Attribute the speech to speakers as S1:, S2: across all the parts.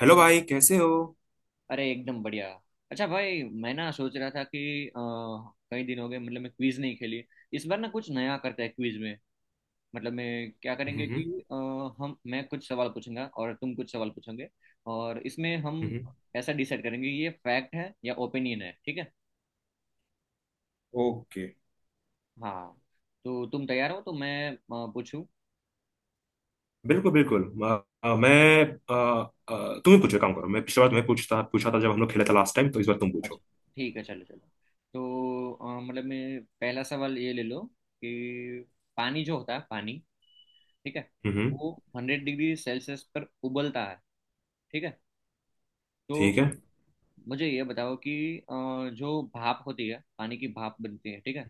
S1: Hello भाई, कैसे हो।
S2: अरे एकदम बढ़िया। अच्छा भाई मैं ना सोच रहा था कि कई दिन हो गए, मतलब मैं क्विज नहीं खेली। इस बार ना कुछ नया करते हैं क्विज में। मतलब मैं क्या करेंगे
S1: हम्म।
S2: कि अ, हम मैं कुछ सवाल पूछूंगा और तुम कुछ सवाल पूछोगे। और इसमें हम
S1: हम्म।
S2: ऐसा डिसाइड करेंगे ये फैक्ट है या ओपिनियन है, ठीक है।
S1: ओके।
S2: हाँ, तो तुम तैयार हो तो मैं पूछूं।
S1: बिल्कुल बिल्कुल, मैं तुम ही पूछो, एक काम करो, मैं पिछली बार तुम्हें पूछता पूछा था जब हम लोग खेले थे लास्ट टाइम, तो इस बार तुम
S2: अच्छा,
S1: पूछो।
S2: ठीक है। चलो चलो। तो मतलब मैं पहला सवाल ये ले लो कि पानी जो होता है पानी, ठीक है,
S1: हम्म।
S2: वो हंड्रेड डिग्री सेल्सियस पर उबलता है, ठीक है। तो
S1: ठीक है।
S2: मुझे ये बताओ कि अ, जो भाप होती है, पानी की भाप बनती है, ठीक है,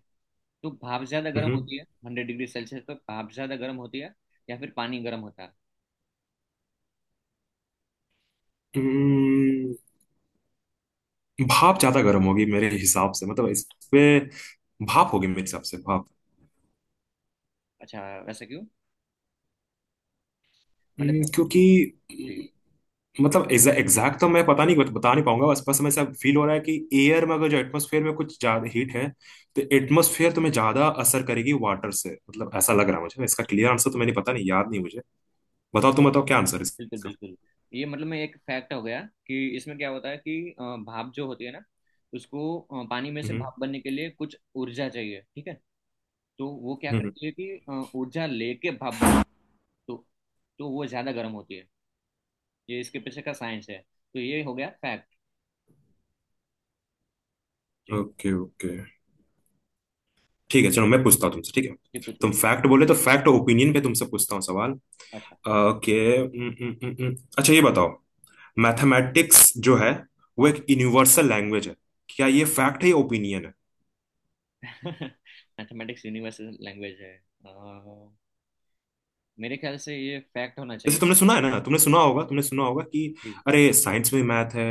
S2: तो भाप ज्यादा
S1: हम्म।
S2: गर्म होती है हंड्रेड डिग्री सेल्सियस पर, भाप ज्यादा गर्म होती है या फिर पानी गर्म होता है।
S1: हम्म, भाप ज्यादा गर्म होगी मेरे हिसाब से, मतलब इस पे भाप होगी मेरे हिसाब से, भाप।
S2: अच्छा, वैसा क्यों। मतलब जी।
S1: क्योंकि मतलब एग्जैक्ट तो मैं पता नहीं, बता नहीं पाऊंगा, बस बस हमें ऐसा फील हो रहा है कि एयर में, अगर जो एटमोसफेयर में कुछ ज्यादा हीट है, तो एटमोसफेयर तुम्हें ज्यादा असर करेगी वाटर से, मतलब ऐसा लग रहा है मुझे। इसका क्लियर आंसर तो मैंने पता नहीं, याद नहीं मुझे, बताओ, तुम बताओ क्या आंसर है
S2: बिल्कुल
S1: इसका।
S2: बिल्कुल। ये मतलब मैं एक फैक्ट हो गया कि इसमें क्या होता है कि भाप जो होती है ना, उसको पानी में से
S1: हम्म।
S2: भाप बनने के लिए कुछ ऊर्जा चाहिए, ठीक है। तो वो क्या करती है कि ऊर्जा लेके भाप बनती है। तो तो वो ज़्यादा गर्म होती है। ये इसके पीछे का साइंस है, तो ये हो गया फैक्ट। जी।
S1: ओके ओके, ठीक है चलो, मैं पूछता हूँ तुमसे, ठीक है।
S2: जी, पूछिए।
S1: तुम फैक्ट बोले तो फैक्ट और ओपिनियन पे तुमसे पूछता हूँ सवाल।
S2: अच्छा।
S1: ओके। अच्छा, ये बताओ,
S2: हाँ।
S1: मैथमेटिक्स जो है वो
S2: हाँ।
S1: एक यूनिवर्सल लैंग्वेज है। क्या ये फैक्ट है या ओपिनियन है?
S2: मैथमेटिक्स यूनिवर्सल लैंग्वेज है। अ, मेरे ख्याल से ये फैक्ट होना
S1: जैसे
S2: चाहिए।
S1: तुमने सुना है ना, तुमने सुना होगा, तुमने सुना होगा कि
S2: जी।
S1: अरे साइंस में मैथ है,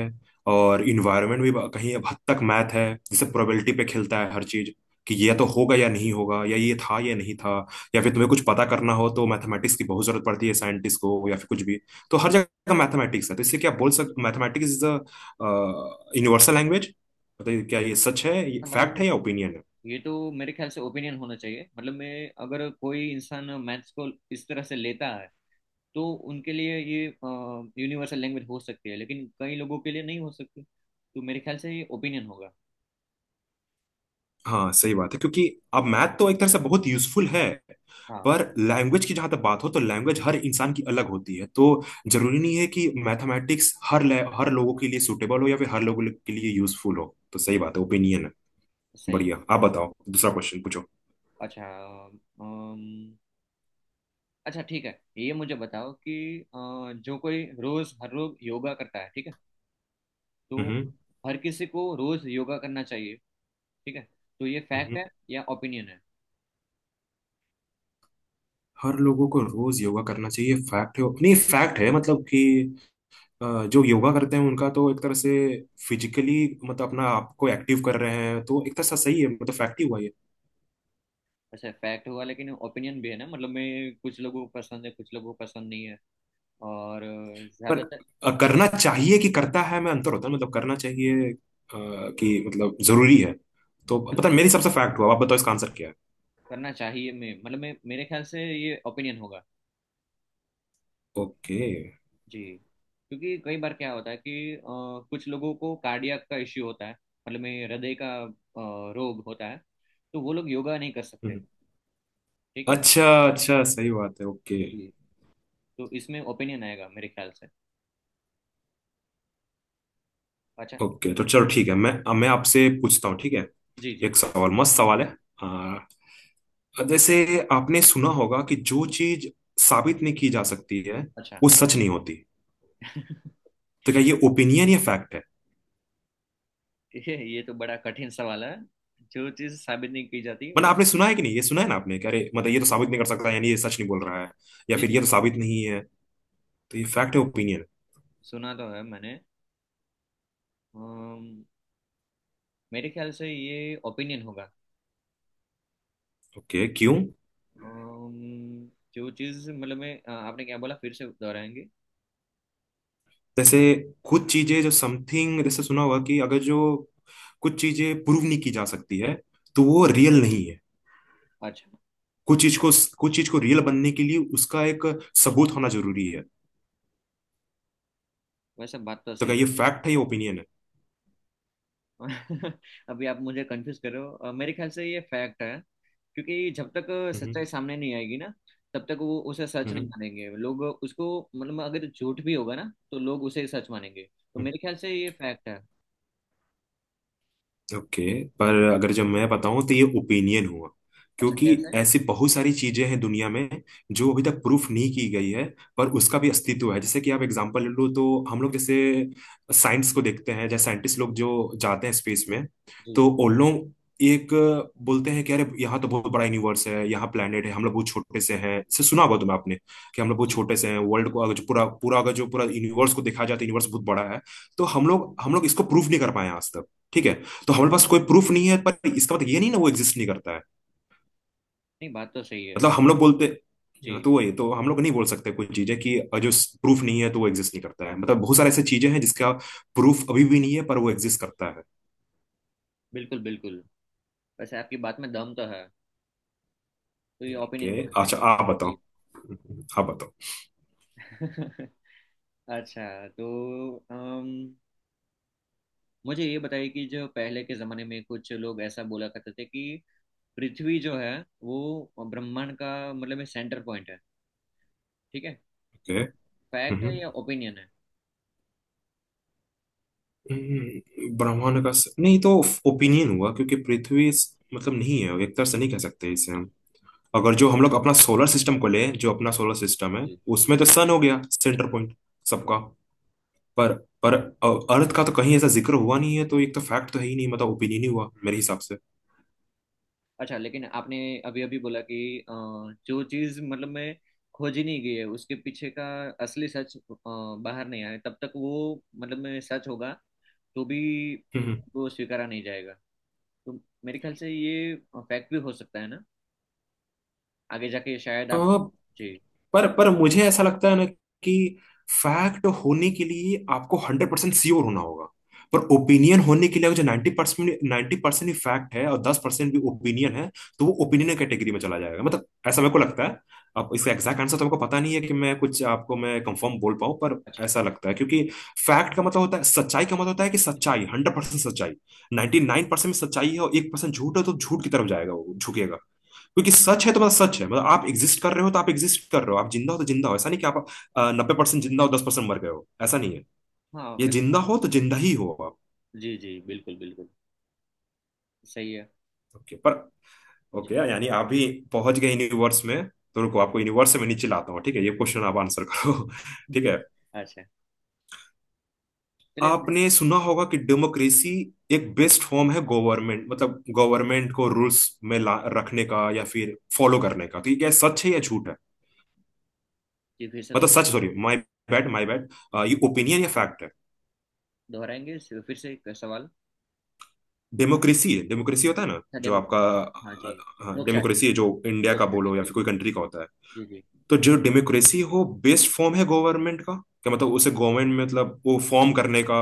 S1: और इन्वायरमेंट भी कहीं अब हद तक मैथ है, जैसे प्रोबेबिलिटी पे खेलता है हर चीज, कि ये तो होगा या नहीं होगा, या ये था या नहीं था, या फिर तुम्हें कुछ पता करना हो तो मैथमेटिक्स की बहुत जरूरत पड़ती है साइंटिस्ट को, या फिर कुछ भी। तो हर जगह मैथमेटिक्स है, तो इससे क्या बोल सकते, mathematics is a universal language. बताइए, क्या ये सच है, ये
S2: मतलब
S1: फैक्ट है या ओपिनियन है?
S2: ये तो मेरे ख्याल से ओपिनियन होना चाहिए, मतलब मैं अगर कोई इंसान मैथ्स को इस तरह से लेता है, तो उनके लिए ये यूनिवर्सल लैंग्वेज हो सकती है, लेकिन कई लोगों के लिए नहीं हो सकती, तो मेरे ख्याल से ये ओपिनियन होगा।
S1: हाँ, सही बात है, क्योंकि अब मैथ तो एक तरह से बहुत यूजफुल है,
S2: हाँ,
S1: पर लैंग्वेज की जहां तक बात हो, तो लैंग्वेज हर इंसान की अलग होती है, तो जरूरी नहीं है कि मैथमेटिक्स हर लोगों के लिए सूटेबल हो, या फिर हर लोगों के लिए यूजफुल हो, तो सही बात है, ओपिनियन है।
S2: सही है।
S1: बढ़िया, आप
S2: सही है।
S1: बताओ, दूसरा क्वेश्चन पूछो।
S2: अच्छा। अच्छा, ठीक है। ये मुझे बताओ कि जो कोई रोज हर रोज योगा करता है, ठीक है, तो
S1: हम्म।
S2: हर किसी को रोज योगा करना चाहिए, ठीक है, तो ये फैक्ट
S1: हम्म।
S2: है या ओपिनियन है।
S1: हर लोगों को रोज योगा करना चाहिए, फैक्ट है, नहीं फैक्ट है, मतलब कि जो योगा करते हैं उनका तो एक तरह से फिजिकली मतलब अपना आपको एक्टिव कर रहे हैं, तो एक तरह से सही है, मतलब फैक्ट ही हुआ।
S2: अच्छा, फैक्ट हुआ, लेकिन ओपिनियन भी है ना, मतलब मैं कुछ लोगों को पसंद है, कुछ लोगों को पसंद नहीं है, और
S1: पर
S2: ज्यादातर
S1: करना चाहिए कि करता है में अंतर होता है, मतलब करना चाहिए कि मतलब जरूरी है, तो पता नहीं, मेरी सबसे फैक्ट हुआ, आप बताओ इसका आंसर क्या है।
S2: करना चाहिए मैं, मतलब मैं मेरे ख्याल से ये ओपिनियन होगा।
S1: ओके। हम्म।
S2: जी। क्योंकि कई बार क्या होता है कि कुछ लोगों को कार्डियक का इश्यू होता है, मतलब में हृदय का रोग होता है, तो वो लोग योगा नहीं कर सकते,
S1: हम्म।
S2: ठीक है।
S1: अच्छा। अच्छा, सही बात है, ओके।
S2: जी, तो इसमें ओपिनियन आएगा मेरे ख्याल से। अच्छा।
S1: ओके, तो चलो ठीक है, मैं अब मैं आपसे पूछता हूँ, ठीक है।
S2: जी जी।
S1: एक सवाल, मस्त सवाल है। आ, जैसे आपने सुना होगा कि जो चीज साबित नहीं की जा सकती है,
S2: अच्छा।
S1: वो सच नहीं होती। तो क्या ये ओपिनियन या फैक्ट है?
S2: ये तो बड़ा कठिन सवाल है। जो चीज़ साबित नहीं की जाती,
S1: मतलब
S2: वो।
S1: आपने सुना है कि नहीं, ये सुना है ना आपने कि अरे मतलब ये तो साबित नहीं कर सकता, यानी ये सच नहीं बोल रहा है, या
S2: जी
S1: फिर
S2: जी,
S1: ये तो
S2: बिल्कुल।
S1: साबित नहीं है, तो ये
S2: हाँ,
S1: फैक्ट है ओपिनियन?
S2: सुना तो है मैंने। अम्म, मेरे ख्याल से ये ओपिनियन होगा।
S1: ओके, क्यों?
S2: अम्म, जो चीज़ मतलब मैं, आपने क्या बोला, फिर से दोहराएंगे।
S1: जैसे कुछ चीजें जो समथिंग, जैसे सुना होगा कि अगर जो कुछ चीजें प्रूव नहीं की जा सकती है, तो वो रियल नहीं है।
S2: अच्छा,
S1: कुछ चीज को कुछ चीज को रियल बनने के लिए उसका एक सबूत होना जरूरी है।
S2: वैसे बात तो
S1: तो क्या
S2: सही
S1: ये
S2: है।
S1: फैक्ट है या ओपिनियन है?
S2: अभी आप मुझे कंफ्यूज कर रहे हो। मेरे ख्याल से ये फैक्ट है, क्योंकि जब तक
S1: हम्म।
S2: सच्चाई सामने नहीं आएगी ना, तब तक वो उसे सच
S1: हम्म।
S2: नहीं मानेंगे लोग उसको, मतलब अगर झूठ भी होगा ना, तो लोग उसे सच मानेंगे। तो
S1: हम्म।
S2: मेरे ख्याल से ये फैक्ट है।
S1: ओके, पर अगर जब मैं बताऊं तो ये ओपिनियन हुआ,
S2: अच्छा,
S1: क्योंकि
S2: कैसे।
S1: ऐसी बहुत सारी चीजें हैं दुनिया में जो अभी तक प्रूफ नहीं की गई है, पर उसका भी अस्तित्व है। जैसे कि आप एग्जांपल ले लो, तो हम लोग जैसे साइंस को देखते हैं, जैसे साइंटिस्ट लोग जो जाते हैं स्पेस में,
S2: जी।
S1: तो उन लोग एक बोलते हैं कि अरे यहाँ तो बहुत बड़ा यूनिवर्स है, यहाँ प्लेनेट है, हम लोग बहुत छोटे से हैं, इसे सुना होगा तुम्हें, आपने कि हम लोग बहुत
S2: जी।
S1: छोटे से हैं, वर्ल्ड को अगर जो पूरा पूरा अगर जो पूरा यूनिवर्स को देखा जाए तो यूनिवर्स बहुत बड़ा है। तो
S2: जी,
S1: हम लोग इसको प्रूफ नहीं कर पाए हैं आज तक, ठीक है। तो हमारे पास कोई प्रूफ नहीं है, पर इसका मतलब ये नहीं ना वो एग्जिस्ट नहीं करता है।
S2: नहीं बात तो सही है।
S1: मतलब हम लोग बोलते हाँ,
S2: जी,
S1: तो वही तो हम लोग नहीं बोल सकते कोई चीजें कि जो प्रूफ नहीं है तो वो एग्जिस्ट नहीं करता है, मतलब बहुत सारे ऐसे चीजें हैं जिसका प्रूफ अभी भी नहीं है, पर वो एग्जिस्ट करता है।
S2: बिल्कुल बिल्कुल। वैसे आपकी बात में दम तो है, तो ये ओपिनियन
S1: ओके।
S2: होना चाहिए।
S1: अच्छा, आप
S2: जी।
S1: बताओ आप बताओ
S2: अच्छा। तो मुझे ये बताइए कि जो पहले के जमाने में कुछ लोग ऐसा बोला करते थे कि पृथ्वी जो है, वो ब्रह्मांड का मतलब सेंटर पॉइंट है, ठीक है,
S1: ओके,
S2: फैक्ट है
S1: हम्म।
S2: या ओपिनियन है।
S1: ब्रह्मांड का स... नहीं, तो ओपिनियन हुआ क्योंकि पृथ्वी इस- मतलब नहीं है, एक तरह से नहीं कह सकते इसे हम। अगर जो हम लोग अपना सोलर सिस्टम को ले, जो अपना सोलर सिस्टम है,
S2: जी।
S1: उसमें तो सन हो गया सेंटर पॉइंट सबका। पर पर अर्थ का तो कहीं ऐसा जिक्र हुआ नहीं है, तो एक तो फैक्ट तो है ही नहीं, मतलब ओपिनियन ही हुआ मेरे हिसाब से।
S2: अच्छा, लेकिन आपने अभी अभी बोला कि अ, जो चीज मतलब में खोजी नहीं गई है, उसके पीछे का असली सच बाहर नहीं आया तब तक, वो मतलब में सच होगा तो भी वो स्वीकारा नहीं जाएगा, तो मेरे ख्याल से ये फैक्ट भी हो सकता है ना, आगे जाके शायद आप।
S1: हम्म।
S2: जी।
S1: पर मुझे ऐसा लगता है ना कि फैक्ट होने के लिए आपको 100% श्योर होना होगा, पर ओपिनियन होने के लिए, अगर जो 90%, 90% ही फैक्ट है और 10% भी ओपिनियन है, तो वो ओपिनियन कैटेगरी में चला जाएगा, मतलब ऐसा मेरे को लगता है। अब इसका एग्जैक्ट आंसर तो आपको पता नहीं है कि मैं कुछ आपको मैं कंफर्म बोल पाऊं, पर
S2: अच्छा।
S1: ऐसा लगता है, क्योंकि फैक्ट का मतलब होता है सच्चाई, का मतलब होता है कि सच्चाई, 100% सच्चाई। 99% में सच्चाई है और 1% झूठ है, तो झूठ की तरफ जाएगा वो, झुकेगा। क्योंकि सच है तो मतलब सच है, मतलब आप एग्जिस्ट कर रहे हो तो आप एग्जिस्ट कर रहे हो, आप जिंदा हो तो जिंदा हो, ऐसा नहीं कि आप 90% जिंदा हो, 10% मर गए हो, ऐसा नहीं है।
S2: हाँ।
S1: ये जिंदा हो तो जिंदा ही हो आप।
S2: जी जी, बिल्कुल बिल्कुल। सही है।
S1: ओके, पर ओके,
S2: जी।
S1: यानी आप भी पहुंच गए यूनिवर्स में, तो रुको, आपको यूनिवर्स में नीचे लाता हूँ, ठीक है, ये क्वेश्चन आप आंसर करो ठीक है।
S2: अच्छा, चलिए।
S1: आपने सुना होगा कि डेमोक्रेसी एक बेस्ट फॉर्म है गवर्नमेंट, मतलब गवर्नमेंट को रूल्स में ला रखने का या फिर फॉलो करने का, तो ये क्या सच है या झूठ है,
S2: जी, फिर से
S1: मतलब सच, sorry, my bad my bad, ये ओपिनियन या फैक्ट है?
S2: दोहराएंगे, फिर से एक सवाल।
S1: डेमोक्रेसी होता है ना
S2: अच्छा,
S1: जो
S2: डेमो।
S1: आपका,
S2: हाँ जी।
S1: हाँ,
S2: लोक शायरी,
S1: डेमोक्रेसी है जो इंडिया
S2: लोक
S1: का
S2: शायरी।
S1: बोलो या फिर
S2: जी
S1: कोई कंट्री का होता है।
S2: जी। जी
S1: तो जो डेमोक्रेसी हो बेस्ट फॉर्म है गवर्नमेंट का, क्या मतलब उसे गवर्नमेंट में, मतलब वो फॉर्म करने का,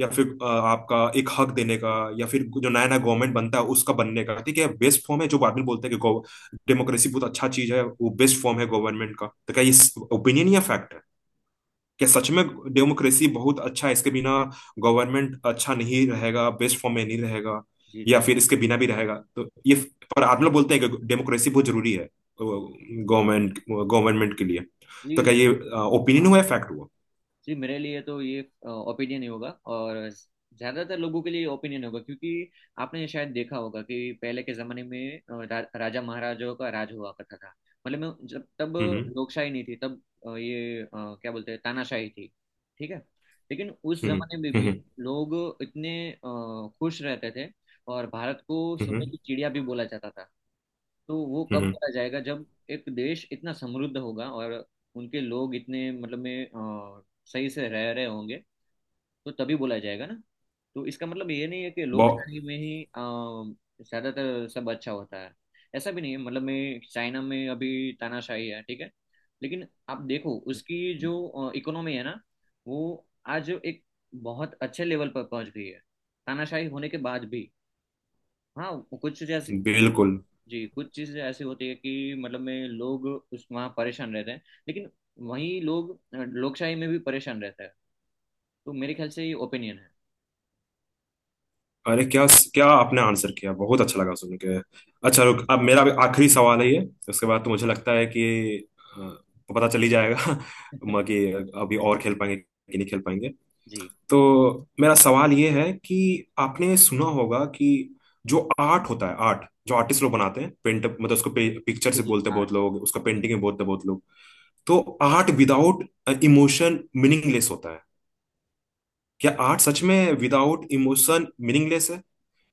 S1: या फिर आपका एक हक देने का, या फिर जो नया नया गवर्नमेंट बनता है उसका
S2: जी।
S1: बनने का, ठीक है, बेस्ट फॉर्म है, जो बाद में बोलते हैं कि डेमोक्रेसी बहुत अच्छा चीज है, वो बेस्ट फॉर्म है गवर्नमेंट का, तो क्या ये ओपिनियन या फैक्ट है? कि सच में डेमोक्रेसी बहुत अच्छा है, इसके बिना गवर्नमेंट अच्छा नहीं रहेगा, बेस्ट फॉर्म में नहीं रहेगा,
S2: जी
S1: या
S2: जी।
S1: फिर इसके बिना भी रहेगा, तो ये, पर आप लोग बोलते हैं कि डेमोक्रेसी बहुत जरूरी है
S2: और।
S1: गवर्नमेंट गवर्नमेंट के लिए,
S2: जी।
S1: तो क्या ये ओपिनियन हुआ
S2: हाँ।
S1: है फैक्ट हुआ?
S2: जी, मेरे लिए तो ये ओपिनियन ही होगा, और ज़्यादातर लोगों के लिए ओपिनियन होगा, क्योंकि आपने शायद देखा होगा कि पहले के ज़माने में राजा महाराजाओं का राज हुआ करता था, मतलब मैं जब तब
S1: हम्म।
S2: लोकशाही नहीं थी, तब ये क्या बोलते हैं, तानाशाही थी, ठीक है। लेकिन उस
S1: हम्म।
S2: ज़माने में भी
S1: हम्म।
S2: लोग इतने खुश रहते थे, और भारत को
S1: हम्म।
S2: सोने
S1: हम्म।
S2: की चिड़िया भी बोला जाता था। तो वो कब
S1: हम्म, हम्म,
S2: बोला जाएगा, जब एक देश इतना समृद्ध होगा, और उनके लोग इतने मतलब में सही से रह रहे होंगे, तो तभी बोला जाएगा ना। तो इसका मतलब ये नहीं है कि
S1: बहु-
S2: लोकशाही में ही ज्यादातर सब अच्छा होता है, ऐसा भी नहीं है, मतलब मैं चाइना में अभी तानाशाही है, ठीक है, लेकिन आप देखो उसकी जो इकोनॉमी है ना, वो आज एक बहुत अच्छे लेवल पर पहुंच गई है, तानाशाही होने के बाद भी। हाँ, कुछ जैसे।
S1: बिल्कुल।
S2: जी, कुछ चीज़ें ऐसी होती है कि मतलब में लोग उस वहाँ परेशान रहते हैं, लेकिन वहीं लोग लोकशाही में भी परेशान रहते हैं, तो मेरे ख्याल से ये ओपिनियन है।
S1: अरे क्या, क्या आपने आंसर किया, बहुत अच्छा लगा सुन के। अच्छा, रुक, अब मेरा भी आखिरी सवाल है ये, उसके बाद तो
S2: जी।
S1: मुझे लगता है कि अ, पता चल ही जाएगा कि अभी और खेल पाएंगे कि नहीं खेल पाएंगे।
S2: जी
S1: तो मेरा सवाल ये है कि आपने सुना होगा कि जो आर्ट होता है, आर्ट जो आर्टिस्ट लोग बनाते हैं, पेंट, मतलब उसको पिक्चर
S2: जी।
S1: से
S2: जी
S1: बोलते हैं
S2: आर्ट।
S1: बहुत लोग, उसको पेंटिंग में बोलते हैं बहुत लोग, तो आर्ट विदाउट इमोशन मीनिंगलेस होता है। क्या आर्ट सच में विदाउट इमोशन मीनिंगलेस है,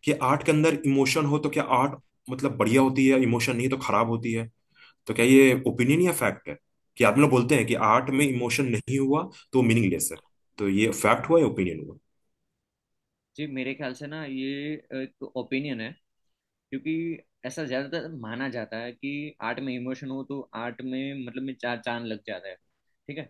S1: कि आर्ट के अंदर इमोशन हो तो क्या आर्ट मतलब बढ़िया होती है इमोशन, नहीं तो खराब होती है? तो क्या ये ओपिनियन या फैक्ट है कि आप लोग बोलते हैं कि आर्ट में
S2: जी,
S1: इमोशन नहीं हुआ तो मीनिंगलेस है? तो ये फैक्ट हुआ या ओपिनियन हुआ?
S2: जी मेरे ख्याल से ना ये एक ओपिनियन है, क्योंकि ऐसा ज्यादातर माना जाता है कि आर्ट में इमोशन हो तो आर्ट में मतलब में चार चांद लग जाता है, ठीक है।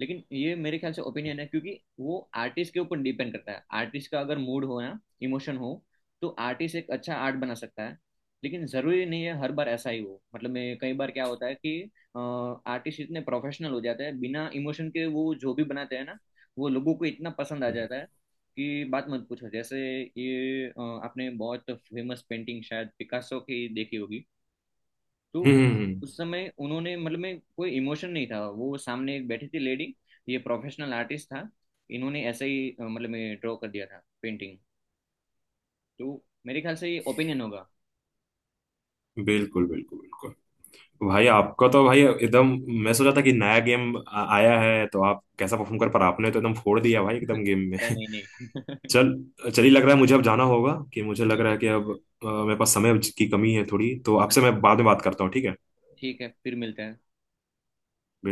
S2: लेकिन ये मेरे ख्याल से ओपिनियन है, क्योंकि वो आर्टिस्ट के ऊपर डिपेंड करता है, आर्टिस्ट का अगर मूड हो ना, इमोशन हो, तो आर्टिस्ट एक अच्छा आर्ट बना सकता है। लेकिन जरूरी नहीं है हर बार ऐसा ही हो, मतलब मैं कई बार क्या होता है कि आर्टिस्ट इतने प्रोफेशनल हो जाते हैं बिना इमोशन के वो जो भी बनाते हैं ना, वो लोगों को इतना पसंद आ
S1: हम्म।
S2: जाता है की बात मत पूछो। जैसे ये आपने बहुत फेमस पेंटिंग शायद पिकासो की देखी होगी। तो
S1: हम्म, हम्म,
S2: उस समय उन्होंने मतलब में कोई इमोशन नहीं था, वो सामने एक बैठी थी लेडी, ये प्रोफेशनल आर्टिस्ट था, इन्होंने ऐसे ही मतलब में ड्रॉ कर दिया था पेंटिंग। तो मेरे ख्याल से ये ओपिनियन होगा।
S1: बिल्कुल बिल्कुल बिल्कुल। भाई, आपका तो भाई एकदम, मैं सोचा था कि नया गेम आया है तो आप कैसा परफॉर्म कर, पर आपने तो एकदम फोड़ दिया भाई, एकदम गेम में
S2: अरे नहीं नहीं।
S1: चल, चलिए, लग रहा है मुझे अब जाना होगा, कि मुझे लग
S2: ठीक
S1: रहा
S2: है।
S1: है कि अब मेरे पास समय की कमी है थोड़ी, तो आपसे
S2: अच्छा,
S1: मैं बाद में बात करता हूँ, ठीक
S2: ठीक है, फिर मिलते हैं।
S1: है।